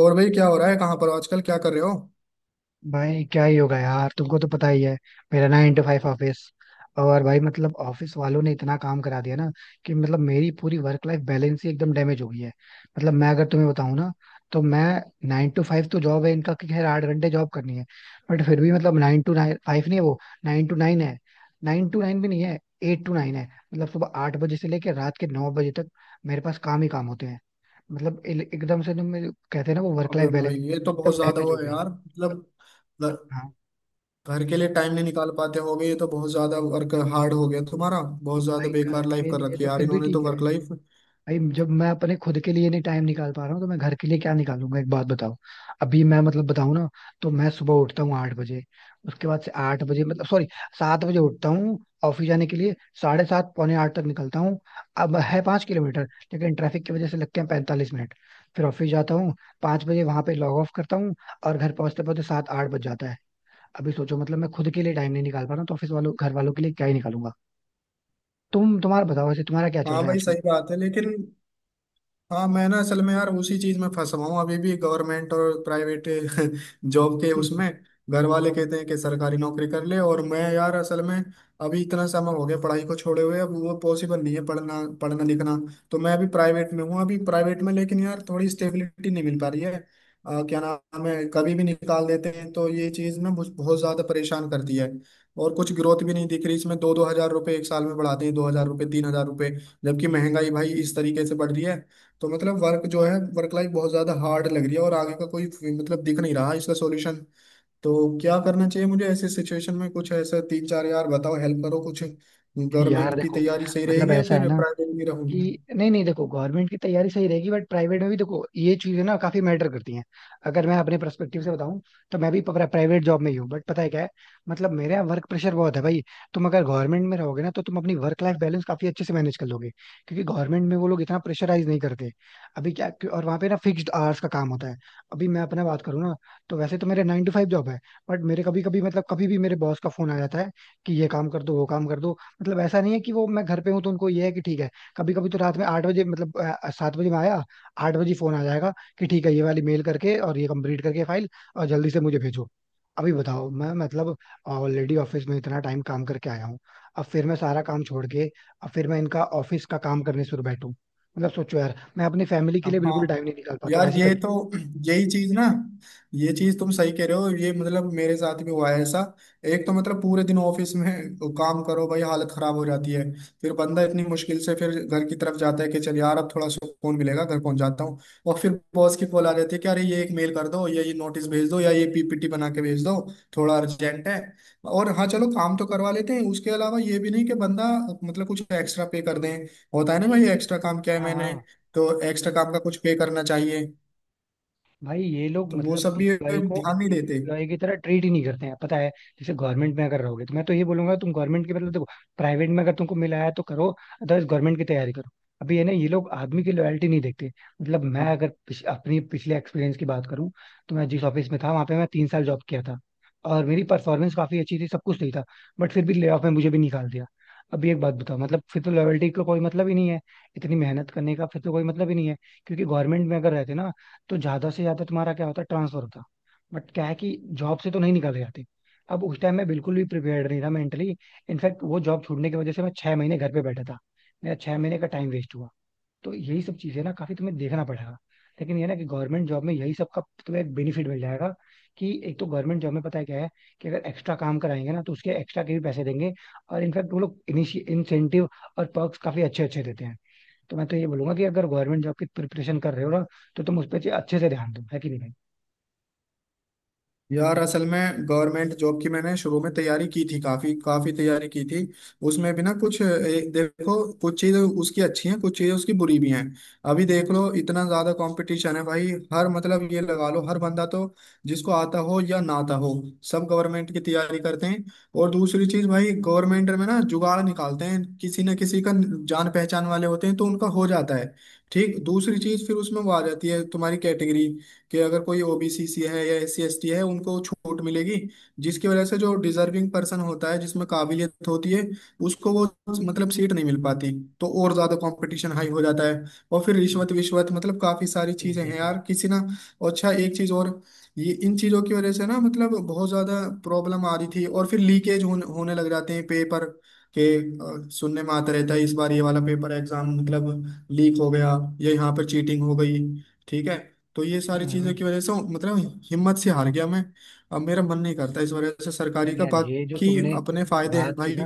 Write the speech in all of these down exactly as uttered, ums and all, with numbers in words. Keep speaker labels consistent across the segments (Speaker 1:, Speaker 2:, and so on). Speaker 1: और भाई, क्या हो रहा है? कहाँ पर हो आजकल? क्या कर रहे हो?
Speaker 2: भाई क्या ही होगा यार, तुमको तो पता ही है। मेरा नाइन to फाइव ऑफिस। और भाई मतलब ऑफिस वालों ने इतना काम करा दिया ना कि मतलब मेरी पूरी वर्क लाइफ बैलेंस ही एकदम डैमेज हो गई है। मतलब मैं अगर तुम्हें बताऊं ना तो मैं नाइन to फाइव तो जॉब है इनका कि खैर आठ घंटे जॉब करनी है। बट फिर भी मतलब नाइन टू नाइन फाइव नहीं है वो। नाइन टू नाइन है। नाइन टू नाइन भी नहीं है। एट टू नाइन है। मतलब सुबह आठ बजे से लेकर रात के नौ बजे तक मेरे पास काम ही काम होते हैं। मतलब इल- एकदम से जो मेरे- कहते हैं ना वो वर्क
Speaker 1: अबे
Speaker 2: लाइफ बैलेंस
Speaker 1: भाई, ये तो
Speaker 2: एकदम
Speaker 1: बहुत ज्यादा
Speaker 2: डैमेज
Speaker 1: वो
Speaker 2: हो
Speaker 1: है
Speaker 2: गई है।
Speaker 1: यार, मतलब घर,
Speaker 2: हाँ।
Speaker 1: घर के लिए टाइम नहीं निकाल पाते। हो गए, ये तो बहुत ज्यादा वर्क हार्ड हो गया तुम्हारा। बहुत ज्यादा
Speaker 2: भाई घर
Speaker 1: बेकार लाइफ
Speaker 2: के
Speaker 1: कर
Speaker 2: लिए
Speaker 1: रखी
Speaker 2: तो
Speaker 1: है यार
Speaker 2: फिर भी
Speaker 1: इन्होंने, तो
Speaker 2: ठीक है।
Speaker 1: Work life.
Speaker 2: भाई जब मैं अपने खुद के लिए नहीं टाइम निकाल पा रहा हूँ तो मैं घर के लिए क्या निकालूंगा? एक बात बताओ। अभी मैं मतलब बताऊँ ना तो मैं सुबह उठता हूँ आठ बजे। उसके बाद से आठ बजे मतलब सॉरी, सात बजे उठता हूँ ऑफिस जाने के लिए। साढ़े सात पौने आठ तक निकलता हूँ। अब है पाँच किलोमीटर, लेकिन ट्रैफिक की वजह से लगते हैं पैंतालीस मिनट। फिर ऑफिस जाता हूँ। पाँच बजे वहां पे लॉग ऑफ करता हूँ और घर पहुंचते पहुंचते सात आठ बज जाता है। अभी सोचो मतलब मैं खुद के लिए टाइम नहीं निकाल पा रहा हूँ तो ऑफिस वालों घर वालों के लिए क्या ही निकालूंगा? तुम तुम्हारा बताओ, वैसे तुम्हारा क्या चल
Speaker 1: हाँ
Speaker 2: रहा है?
Speaker 1: भाई, सही बात है लेकिन। हाँ, मैं ना असल में यार उसी चीज में फंसा हुआ हूँ अभी भी, गवर्नमेंट और प्राइवेट जॉब के उसमें। घर वाले कहते हैं कि सरकारी नौकरी कर ले, और मैं यार असल में अभी इतना समय हो गया पढ़ाई को छोड़े हुए, अब वो पॉसिबल नहीं है पढ़ना पढ़ना लिखना। तो मैं अभी प्राइवेट में हूँ, अभी प्राइवेट में, लेकिन यार थोड़ी स्टेबिलिटी नहीं मिल पा रही है। अ, क्या नाम है, कभी भी निकाल देते हैं, तो ये चीज ना मुझ- बहुत ज्यादा परेशान करती है। और कुछ ग्रोथ भी नहीं दिख रही इसमें, दो दो हजार रुपये एक साल में बढ़ाते हैं, दो हजार रुपये, तीन हजार रुपये। जबकि महंगाई भाई इस तरीके से बढ़ रही है, तो मतलब वर्क जो है वर्क लाइफ बहुत ज्यादा हार्ड लग रही है, और आगे का कोई मतलब दिख नहीं रहा इसका सॉल्यूशन। तो क्या करना चाहिए मुझे ऐसे सिचुएशन में? कुछ ऐसा तीन चार, यार बताओ, हेल्प करो कुछ।
Speaker 2: यार
Speaker 1: गवर्नमेंट की
Speaker 2: देखो,
Speaker 1: तैयारी सही
Speaker 2: मतलब
Speaker 1: रहेगी, या
Speaker 2: ऐसा है
Speaker 1: फिर
Speaker 2: ना
Speaker 1: प्राइवेट में रहूँ?
Speaker 2: कि नहीं नहीं देखो, गवर्नमेंट की तैयारी सही रहेगी बट प्राइवेट में भी देखो ये चीजें ना काफी मैटर करती हैं। अगर मैं अपने पर्सपेक्टिव से बताऊं तो मैं भी प्राइवेट जॉब में ही हूँ। बट पता है क्या है, मतलब मेरे यहाँ वर्क प्रेशर बहुत है भाई। तुम अगर गवर्नमेंट में रहोगे ना तो तुम अपनी वर्क लाइफ बैलेंस काफी अच्छे से मैनेज कर लोगे, क्योंकि गवर्नमेंट में वो लोग इतना प्रेशराइज नहीं करते अभी क्या। और वहाँ पे ना फिक्स्ड आवर्स का काम होता है। अभी मैं अपना बात करूँ ना तो वैसे तो मेरे नाइन टू फाइव जॉब है। बट मेरे कभी कभी मतलब कभी भी मेरे बॉस का फोन आ जाता है कि ये काम कर दो वो काम कर दो। मतलब ऐसा नहीं है कि वो मैं घर पे हूँ तो उनको ये है कि ठीक है। कभी कभी तो रात में आठ बजे मतलब अ, सात बजे में आया, आठ बजे फोन आ जाएगा कि ठीक है ये वाली मेल करके और ये कंप्लीट करके फाइल और जल्दी से मुझे भेजो। अभी बताओ, मैं मतलब ऑलरेडी ऑफिस में इतना टाइम काम करके आया हूँ। अब फिर मैं सारा काम छोड़ के अब फिर मैं इनका ऑफिस का काम करने शुरू बैठूं। मतलब सोचो यार, मैं अपनी फैमिली के लिए बिल्कुल
Speaker 1: हाँ
Speaker 2: टाइम नहीं निकाल पाता हूं,
Speaker 1: यार,
Speaker 2: ऐसी
Speaker 1: ये
Speaker 2: कंडीशन।
Speaker 1: तो, यही चीज ना, ये चीज तुम सही कह रहे हो, ये मतलब मेरे साथ भी हुआ है ऐसा। एक तो मतलब पूरे दिन ऑफिस में काम करो भाई, हालत खराब हो जाती है। फिर बंदा इतनी मुश्किल से फिर घर की तरफ जाता है कि चल यार, अब थोड़ा सुकून मिलेगा, घर पहुंच जाता हूँ। और फिर बॉस की कॉल आ जाती है कि अरे, ये एक मेल कर दो, या ये नोटिस भेज दो, या ये पी पी टी बना के भेज दो, थोड़ा अर्जेंट है। और हाँ, चलो काम तो करवा लेते हैं, उसके अलावा ये भी नहीं कि बंदा मतलब कुछ एक्स्ट्रा पे कर दें। होता है ना
Speaker 2: नहीं।
Speaker 1: भाई, एक्स्ट्रा काम किया है
Speaker 2: हाँ
Speaker 1: मैंने,
Speaker 2: हाँ।
Speaker 1: तो एक्स्ट्रा काम का कुछ पे करना चाहिए,
Speaker 2: भाई ये लोग
Speaker 1: तो वो
Speaker 2: मतलब
Speaker 1: सब भी
Speaker 2: एम्प्लॉय को
Speaker 1: ध्यान नहीं देते।
Speaker 2: एम्प्लॉय की तरह ट्रीट ही नहीं करते हैं, पता है। जैसे गवर्नमेंट में अगर रहोगे तो मैं तो ये बोलूंगा तुम गवर्नमेंट की मतलब देखो, प्राइवेट में अगर तुमको मिला है तो करो, अदरवाइज गवर्नमेंट की तैयारी करो। अभी ये ना ये लोग आदमी की लॉयल्टी नहीं देखते। मतलब मैं अगर पिछ, अपनी पिछले एक्सपीरियंस की बात करूं तो मैं जिस ऑफिस में था वहां पे मैं तीन साल जॉब किया था और मेरी परफॉर्मेंस काफी अच्छी थी, सब कुछ सही था, बट फिर भी ले ऑफ में मुझे भी निकाल दिया। अभी एक बात बताओ, मतलब फिर तो लॉयल्टी का कोई मतलब ही नहीं है। इतनी मेहनत करने का फिर तो कोई मतलब ही नहीं है। क्योंकि गवर्नमेंट में अगर रहते ना तो ज्यादा से ज्यादा तुम्हारा क्या होता है, ट्रांसफर होता। बट क्या है कि जॉब से तो नहीं निकाले जाते। अब उस टाइम मैं बिल्कुल भी प्रिपेयर्ड नहीं था मेंटली। इनफैक्ट वो जॉब छूटने की वजह से मैं छह महीने घर पे बैठा था। मेरा छह महीने का टाइम वेस्ट हुआ। तो यही सब चीजें ना काफी तुम्हें देखना पड़ेगा। लेकिन ये ना कि गवर्नमेंट जॉब में यही सब का तुम्हें एक बेनिफिट मिल जाएगा कि एक तो गवर्नमेंट जॉब में पता है क्या है कि अगर एक्स्ट्रा काम कराएंगे ना तो उसके एक्स्ट्रा के भी पैसे देंगे। और इनफैक्ट वो लोग इनिशिय इंसेंटिव और perks काफी अच्छे अच्छे देते हैं। तो मैं तो ये बोलूंगा कि अगर गवर्नमेंट जॉब की प्रिपरेशन कर रहे हो ना तो तुम उस पर अच्छे से ध्यान दो, है कि नहीं
Speaker 1: यार असल में गवर्नमेंट जॉब की मैंने शुरू में तैयारी की थी, काफी काफी तैयारी की थी। उसमें भी ना कुछ, ए, देखो, कुछ चीजें उसकी अच्छी हैं, कुछ चीजें उसकी बुरी भी हैं। अभी देख लो, इतना ज्यादा कंपटीशन है भाई। हर मतलब ये लगा लो, हर बंदा तो, जिसको आता हो या ना आता हो, सब गवर्नमेंट की तैयारी करते हैं। और दूसरी चीज भाई, गवर्नमेंट में ना जुगाड़ निकालते हैं, किसी ना किसी का जान पहचान वाले होते हैं तो उनका हो जाता है ठीक। दूसरी चीज फिर उसमें वो आ जाती है तुम्हारी कैटेगरी, कि अगर कोई ओबीसी सी है या एस सी एस टी है, उनको छूट मिलेगी। जिसकी वजह से जो डिजर्विंग पर्सन होता है, जिसमें काबिलियत होती है, उसको वो मतलब सीट नहीं मिल पाती, तो और ज्यादा कंपटीशन हाई हो जाता है। और फिर
Speaker 2: भाई?
Speaker 1: रिश्वत विश्वत मतलब काफी सारी चीजें हैं
Speaker 2: एग्जैक्टली।
Speaker 1: यार, किसी ना। अच्छा, एक चीज और, ये इन चीजों की वजह से ना मतलब बहुत ज्यादा प्रॉब्लम आ रही थी, और फिर लीकेज होने होने लग जाते हैं पेपर के। अ, सुनने में आता रहता है, इस बार ये वाला पेपर एग्जाम मतलब लीक हो गया, या यहाँ पर चीटिंग हो गई, ठीक है। तो ये सारी चीजों
Speaker 2: हम्म।
Speaker 1: की वजह से मतलब हिम्मत से हार गया मैं। अब मेरा मन नहीं करता इस वजह से
Speaker 2: नहीं
Speaker 1: सरकारी
Speaker 2: नहीं
Speaker 1: का,
Speaker 2: यार, ये जो
Speaker 1: बाकी
Speaker 2: तुमने
Speaker 1: अपने फायदे हैं
Speaker 2: बात की
Speaker 1: भाई।
Speaker 2: ना।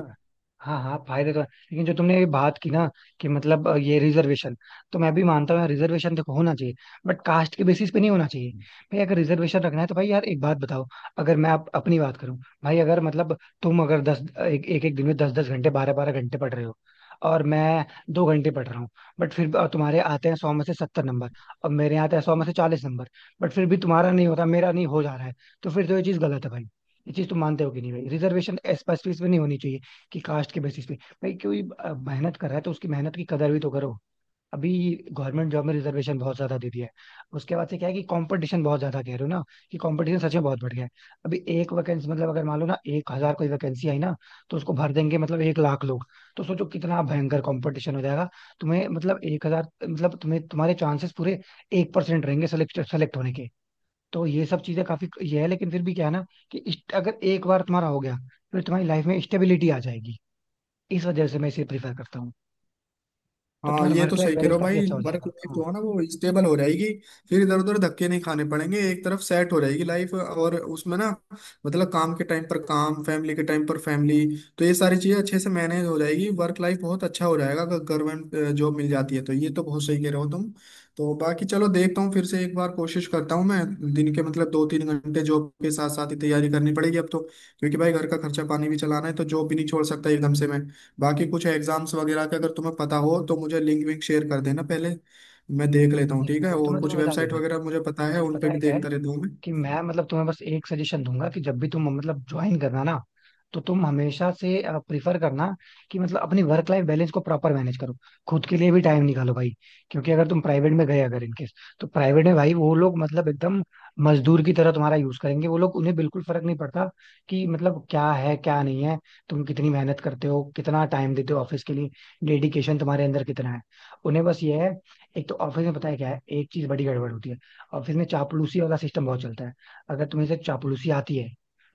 Speaker 2: हाँ हाँ फायदे तो है, लेकिन जो तुमने ये बात की ना कि मतलब अ, ये रिजर्वेशन, तो मैं भी मानता हूँ यार रिजर्वेशन देखो होना चाहिए, बट कास्ट के बेसिस पे नहीं होना चाहिए। भाई अगर रिजर्वेशन रखना है तो भाई यार एक बात बताओ, अगर मैं आप अपनी बात करूँ। भाई अगर मतलब तुम अगर दस एक एक, एक दिन में दस दस घंटे बारह बारह घंटे पढ़ रहे हो और मैं दो घंटे पढ़ रहा हूँ, बट फिर भी तुम्हारे आते हैं सौ में से सत्तर नंबर और मेरे आते हैं सौ में से चालीस नंबर, बट फिर भी तुम्हारा नहीं होता मेरा नहीं हो जा रहा है, तो फिर तो ये चीज गलत है भाई। ये चीज तो मानते हो कि नहीं भाई, रिजर्वेशन एज पर बेसिस पे नहीं होनी चाहिए, कि कास्ट के बेसिस पे। भाई कोई अ, मेहनत कर रहा है तो उसकी मेहनत की कदर भी तो करो। अभी गवर्नमेंट जॉब में रिजर्वेशन बहुत ज्यादा दे दिया है। उसके बाद से क्या है कि कंपटीशन बहुत ज्यादा कह रहे हो ना, कि कंपटीशन सच में बहुत बढ़ गया है। अभी एक वैकेंसी मतलब अगर मान लो ना एक हजार कोई वैकेंसी आई ना, तो उसको भर देंगे मतलब एक लाख लोग। तो सोचो कितना भयंकर कंपटीशन हो जाएगा। तुम्हें मतलब एक हजार मतलब तुम्हें तुम्हारे चांसेस पूरे एक परसेंट रहेंगे सेलेक्ट सेलेक्ट होने के। तो ये सब चीजें काफी ये है, लेकिन फिर भी क्या है ना कि इस- अगर एक बार तुम्हारा हो गया फिर तुम्हारी लाइफ में स्टेबिलिटी आ जाएगी। इस वजह से मैं इसे प्रीफर करता हूँ। तो
Speaker 1: हाँ,
Speaker 2: तुम्हारा
Speaker 1: ये तो
Speaker 2: वर्क लाइफ
Speaker 1: सही कह रहे
Speaker 2: बैलेंस
Speaker 1: हो
Speaker 2: काफी
Speaker 1: भाई,
Speaker 2: अच्छा हो
Speaker 1: वर्क
Speaker 2: जाएगा
Speaker 1: लाइफ
Speaker 2: हाँ।
Speaker 1: जो है ना वो स्टेबल हो जाएगी। फिर इधर उधर धक्के नहीं खाने पड़ेंगे, एक तरफ सेट हो जाएगी लाइफ, और उसमें ना मतलब काम के टाइम पर काम, फैमिली के टाइम पर फैमिली। तो ये सारी चीजें अच्छे से मैनेज हो जाएगी, वर्क लाइफ बहुत अच्छा हो जाएगा अगर गवर्नमेंट जॉब मिल जाती है, तो ये तो बहुत सही कह रहे हो तुम। तो बाकी चलो, देखता हूँ फिर से एक बार कोशिश करता हूँ मैं। दिन के मतलब दो तीन घंटे जॉब के साथ साथ ही तैयारी करनी पड़ेगी अब तो, क्योंकि भाई घर का खर्चा पानी भी चलाना है, तो जॉब भी नहीं छोड़ सकता एकदम से मैं। बाकी कुछ एग्जाम्स वगैरह के अगर तुम्हें पता हो, तो मुझे लिंक विंक शेयर कर देना पहले, मैं देख लेता हूँ
Speaker 2: नहीं नहीं,
Speaker 1: ठीक है।
Speaker 2: वो तो
Speaker 1: और
Speaker 2: मैं
Speaker 1: कुछ
Speaker 2: तुम्हें बता
Speaker 1: वेबसाइट
Speaker 2: दूंगा।
Speaker 1: वगैरह मुझे पता है,
Speaker 2: बट
Speaker 1: उन
Speaker 2: पता
Speaker 1: पे भी
Speaker 2: है क्या है
Speaker 1: देखता रहता हूँ
Speaker 2: कि मैं मतलब तुम्हें बस एक सजेशन दूंगा कि जब भी तुम मतलब ज्वाइन करना ना तो तुम हमेशा से प्रिफर करना कि मतलब अपनी वर्क लाइफ बैलेंस को प्रॉपर मैनेज करो, खुद के लिए भी टाइम निकालो भाई। क्योंकि अगर तुम प्राइवेट में गए अगर इनकेस, तो प्राइवेट में भाई वो लोग मतलब एकदम मजदूर की तरह तुम्हारा यूज करेंगे। वो लोग उन्हें बिल्कुल फर्क नहीं पड़ता कि मतलब क्या है क्या नहीं है, तुम कितनी मेहनत करते हो, कितना टाइम देते हो ऑफिस के लिए, डेडिकेशन तुम्हारे अंदर कितना है। उन्हें बस ये है। एक तो ऑफिस में पता है क्या है, एक चीज बड़ी गड़बड़ होती है, ऑफिस में चापलूसी वाला सिस्टम बहुत चलता है। अगर तुम्हें से चापलूसी आती है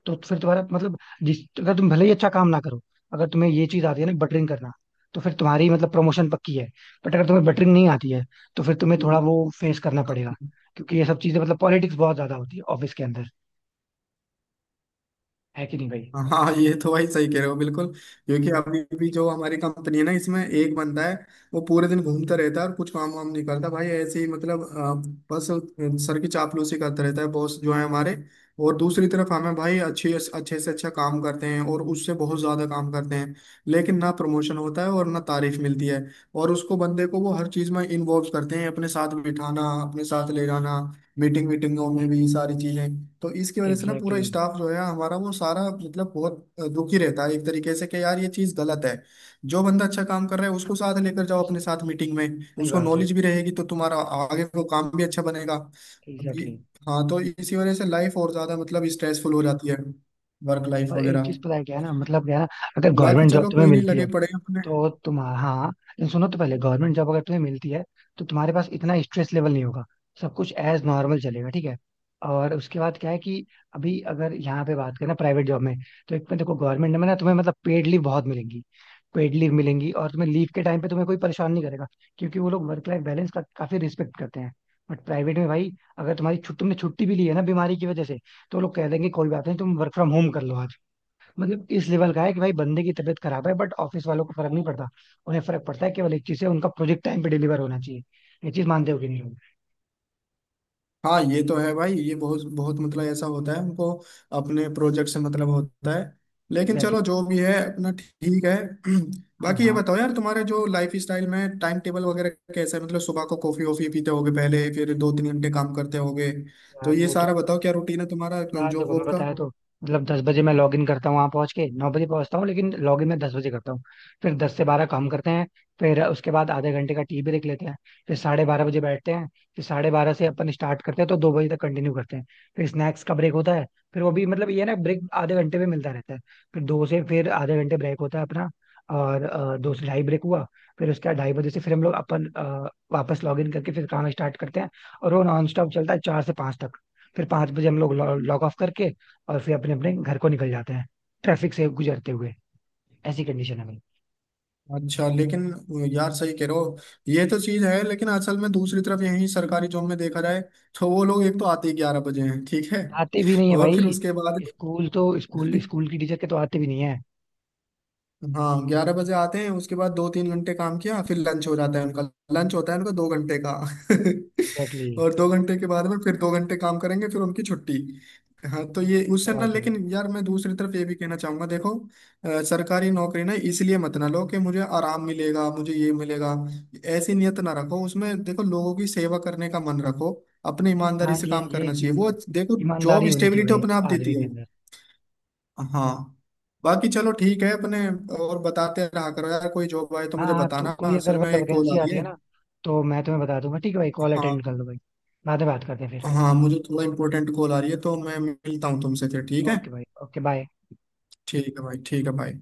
Speaker 2: तो फिर तुम्हारा मतलब, जिस अगर तुम भले ही अच्छा काम ना करो, अगर तुम्हें ये चीज आती है ना बटरिंग करना, तो फिर तुम्हारी मतलब प्रमोशन पक्की है। बट अगर तुम्हें बटरिंग नहीं आती है तो फिर तुम्हें थोड़ा
Speaker 1: मैं।
Speaker 2: वो फेस करना पड़ेगा, क्योंकि ये सब चीजें मतलब पॉलिटिक्स बहुत ज्यादा होती है ऑफिस के अंदर। है कि नहीं भाई?
Speaker 1: हाँ, ये तो भाई सही कह रहे हो बिल्कुल। क्योंकि अभी भी जो हमारी कंपनी है ना, इसमें एक बंदा है, वो पूरे दिन घूमता रहता है और कुछ काम वाम नहीं करता भाई, ऐसे ही मतलब अ, बस सर की चापलूसी करता रहता है बॉस जो है हमारे। और दूसरी तरफ हमें भाई, अच्छे अच्छे से अच्छा काम करते हैं और उससे बहुत ज्यादा काम करते हैं, लेकिन ना प्रमोशन होता है और ना तारीफ मिलती है। और उसको बंदे को वो हर चीज में इन्वॉल्व करते हैं, अपने साथ बिठाना, अपने साथ ले जाना, मीटिंग मीटिंगों में भी सारी चीजें। तो इसकी वजह से ना
Speaker 2: एग्जैक्टली
Speaker 1: पूरा
Speaker 2: exactly.
Speaker 1: स्टाफ जो है हमारा वो सारा मतलब बहुत अ, दुखी रहता है एक तरीके से, कि यार ये चीज गलत है। जो बंदा अच्छा काम कर रहा है, उसको साथ लेकर जाओ अपने
Speaker 2: सही।
Speaker 1: साथ मीटिंग में,
Speaker 2: सही
Speaker 1: उसको
Speaker 2: बात है।
Speaker 1: नॉलेज भी रहेगी, तो तुम्हारा आगे को काम भी अच्छा बनेगा। अब
Speaker 2: एग्जैक्टली
Speaker 1: ये-
Speaker 2: exactly.
Speaker 1: हाँ, तो इसी वजह से लाइफ और ज्यादा मतलब स्ट्रेसफुल हो जाती है, वर्क लाइफ
Speaker 2: और एक
Speaker 1: वगैरह।
Speaker 2: चीज पता है क्या है ना, मतलब क्या है ना, अगर
Speaker 1: बाकी
Speaker 2: गवर्नमेंट जॉब
Speaker 1: चलो,
Speaker 2: तुम्हें
Speaker 1: कोई नहीं,
Speaker 2: मिलती
Speaker 1: लगे
Speaker 2: है
Speaker 1: पड़े हैं अपने।
Speaker 2: तो तुम, हाँ लेकिन सुनो तो पहले गवर्नमेंट जॉब अगर तुम्हें मिलती है तो तुम्हारे पास इतना स्ट्रेस लेवल नहीं होगा, सब कुछ एज नॉर्मल चलेगा। ठीक है। और उसके बाद क्या है कि अभी अगर यहाँ पे बात करें ना प्राइवेट जॉब में, तो एक में देखो गवर्नमेंट में ना तुम्हें मतलब पेड लीव बहुत मिलेंगी। पेड लीव मिलेंगी और तुम्हें लीव के टाइम पे तुम्हें कोई परेशान नहीं करेगा, क्योंकि वो लोग वर्क लाइफ बैलेंस का काफी रिस्पेक्ट करते हैं। बट प्राइवेट में भाई, अगर तुम्हारी छुट्टी तुमने छुट्टी भी ली है ना बीमारी की वजह से, तो वो लोग कह देंगे कोई बात नहीं तुम वर्क फ्रॉम होम कर लो। मतलब इस लेवल का है कि भाई बंदे की तबीयत खराब है बट ऑफिस वालों को फर्क नहीं पड़ता। उन्हें फर्क पड़ता है केवल एक चीज है, उनका प्रोजेक्ट टाइम पे डिलीवर होना चाहिए। ये चीज मानते हो कि नहीं?
Speaker 1: हाँ ये तो है भाई, ये बहुत बहुत मतलब ऐसा होता है, उनको अपने प्रोजेक्ट से मतलब होता है। लेकिन
Speaker 2: एग्जैक्टली
Speaker 1: चलो
Speaker 2: exactly.
Speaker 1: जो भी है अपना, ठीक है।
Speaker 2: हाँ
Speaker 1: बाकी ये
Speaker 2: भाग।
Speaker 1: बताओ यार, तुम्हारे जो लाइफ स्टाइल में टाइम टेबल वगैरह कैसा है? मतलब सुबह को कॉफी वॉफी पीते होगे पहले, फिर दो तीन घंटे काम करते होगे, तो
Speaker 2: यार
Speaker 1: ये
Speaker 2: वो तो,
Speaker 1: सारा बताओ, क्या रूटीन है तुम्हारा
Speaker 2: यार
Speaker 1: जॉब
Speaker 2: देखो
Speaker 1: वॉब
Speaker 2: मैं
Speaker 1: का?
Speaker 2: बताया तो मतलब दस बजे मैं लॉग इन करता हूँ। वहां पहुंच के नौ बजे पहुंचता हूँ लेकिन लॉग इन मैं दस बजे करता हूँ। फिर दस से बारह काम करते हैं। फिर उसके बाद आधे घंटे का टीवी ब्रेक लेते हैं। फिर साढ़े बारह बजे बैठते हैं। फिर साढ़े बारह से अपन स्टार्ट करते हैं तो दो बजे तक कंटिन्यू करते हैं। फिर स्नैक्स का ब्रेक होता है। फिर वो भी मतलब ये है ना, ब्रेक आधे घंटे में मिलता रहता है। फिर दो से फिर आधे घंटे ब्रेक होता है अपना, और अ, दो से ढाई ब्रेक हुआ। फिर उसके बाद ढाई बजे से फिर हम लोग अपन अ, वापस लॉग इन करके फिर काम स्टार्ट करते हैं और वो नॉन स्टॉप चलता है चार से पांच तक। फिर पांच बजे हम लोग लॉग ऑफ करके और फिर अपने अपने घर को निकल जाते हैं ट्रैफिक से गुजरते हुए। ऐसी कंडीशन है भाई।
Speaker 1: अच्छा, लेकिन यार सही कह रहे हो। ये तो चीज है लेकिन असल में दूसरी तरफ यही सरकारी जॉब में देखा जाए, तो वो लोग एक तो आते ही ग्यारह बजे हैं, ठीक है।
Speaker 2: आते भी नहीं है
Speaker 1: और फिर
Speaker 2: भाई।
Speaker 1: उसके बाद
Speaker 2: स्कूल तो स्कूल, स्कूल की टीचर के तो आते भी नहीं है।
Speaker 1: हाँ, ग्यारह बजे आते हैं, उसके बाद दो तीन घंटे काम किया, फिर लंच हो जाता है उनका। लंच होता है उनका दो घंटे का
Speaker 2: एग्जैक्टली exactly.
Speaker 1: और दो घंटे के बाद में फिर दो घंटे काम करेंगे, फिर उनकी छुट्टी। हाँ, तो ये उससे ना,
Speaker 2: बहुत है भाई।
Speaker 1: लेकिन यार मैं दूसरी तरफ ये भी कहना चाहूंगा, देखो, अ, सरकारी नौकरी ना इसलिए मत ना लो कि मुझे आराम मिलेगा, मुझे ये मिलेगा। ऐसी नियत ना रखो उसमें, देखो लोगों की सेवा करने का मन रखो। अपने ईमानदारी
Speaker 2: हाँ,
Speaker 1: से
Speaker 2: ये
Speaker 1: काम
Speaker 2: ये
Speaker 1: करना चाहिए,
Speaker 2: चीज तो
Speaker 1: वो
Speaker 2: है।
Speaker 1: देखो, जॉब
Speaker 2: ईमानदारी होनी चाहिए
Speaker 1: स्टेबिलिटी अपने आप
Speaker 2: भाई
Speaker 1: देती
Speaker 2: आदमी के
Speaker 1: है।
Speaker 2: अंदर।
Speaker 1: हाँ, बाकी चलो ठीक है अपने। और बताते रहा करो यार, कोई जॉब आए तो
Speaker 2: हाँ
Speaker 1: मुझे
Speaker 2: हाँ, तो
Speaker 1: बताना,
Speaker 2: कोई अगर
Speaker 1: असल में
Speaker 2: मतलब
Speaker 1: एक कॉल आ
Speaker 2: वैकेंसी
Speaker 1: रही
Speaker 2: आती
Speaker 1: है।
Speaker 2: है ना तो मैं तुम्हें बता दूंगा। ठीक है भाई, कॉल
Speaker 1: हाँ,
Speaker 2: अटेंड कर लो भाई। बाद में बात करते हैं फिर।
Speaker 1: हाँ मुझे थोड़ा इम्पोर्टेंट कॉल आ रही है, तो मैं मिलता हूँ तुमसे फिर, ठीक है।
Speaker 2: ओके भाई, ओके बाय।
Speaker 1: ठीक है भाई, ठीक है भाई।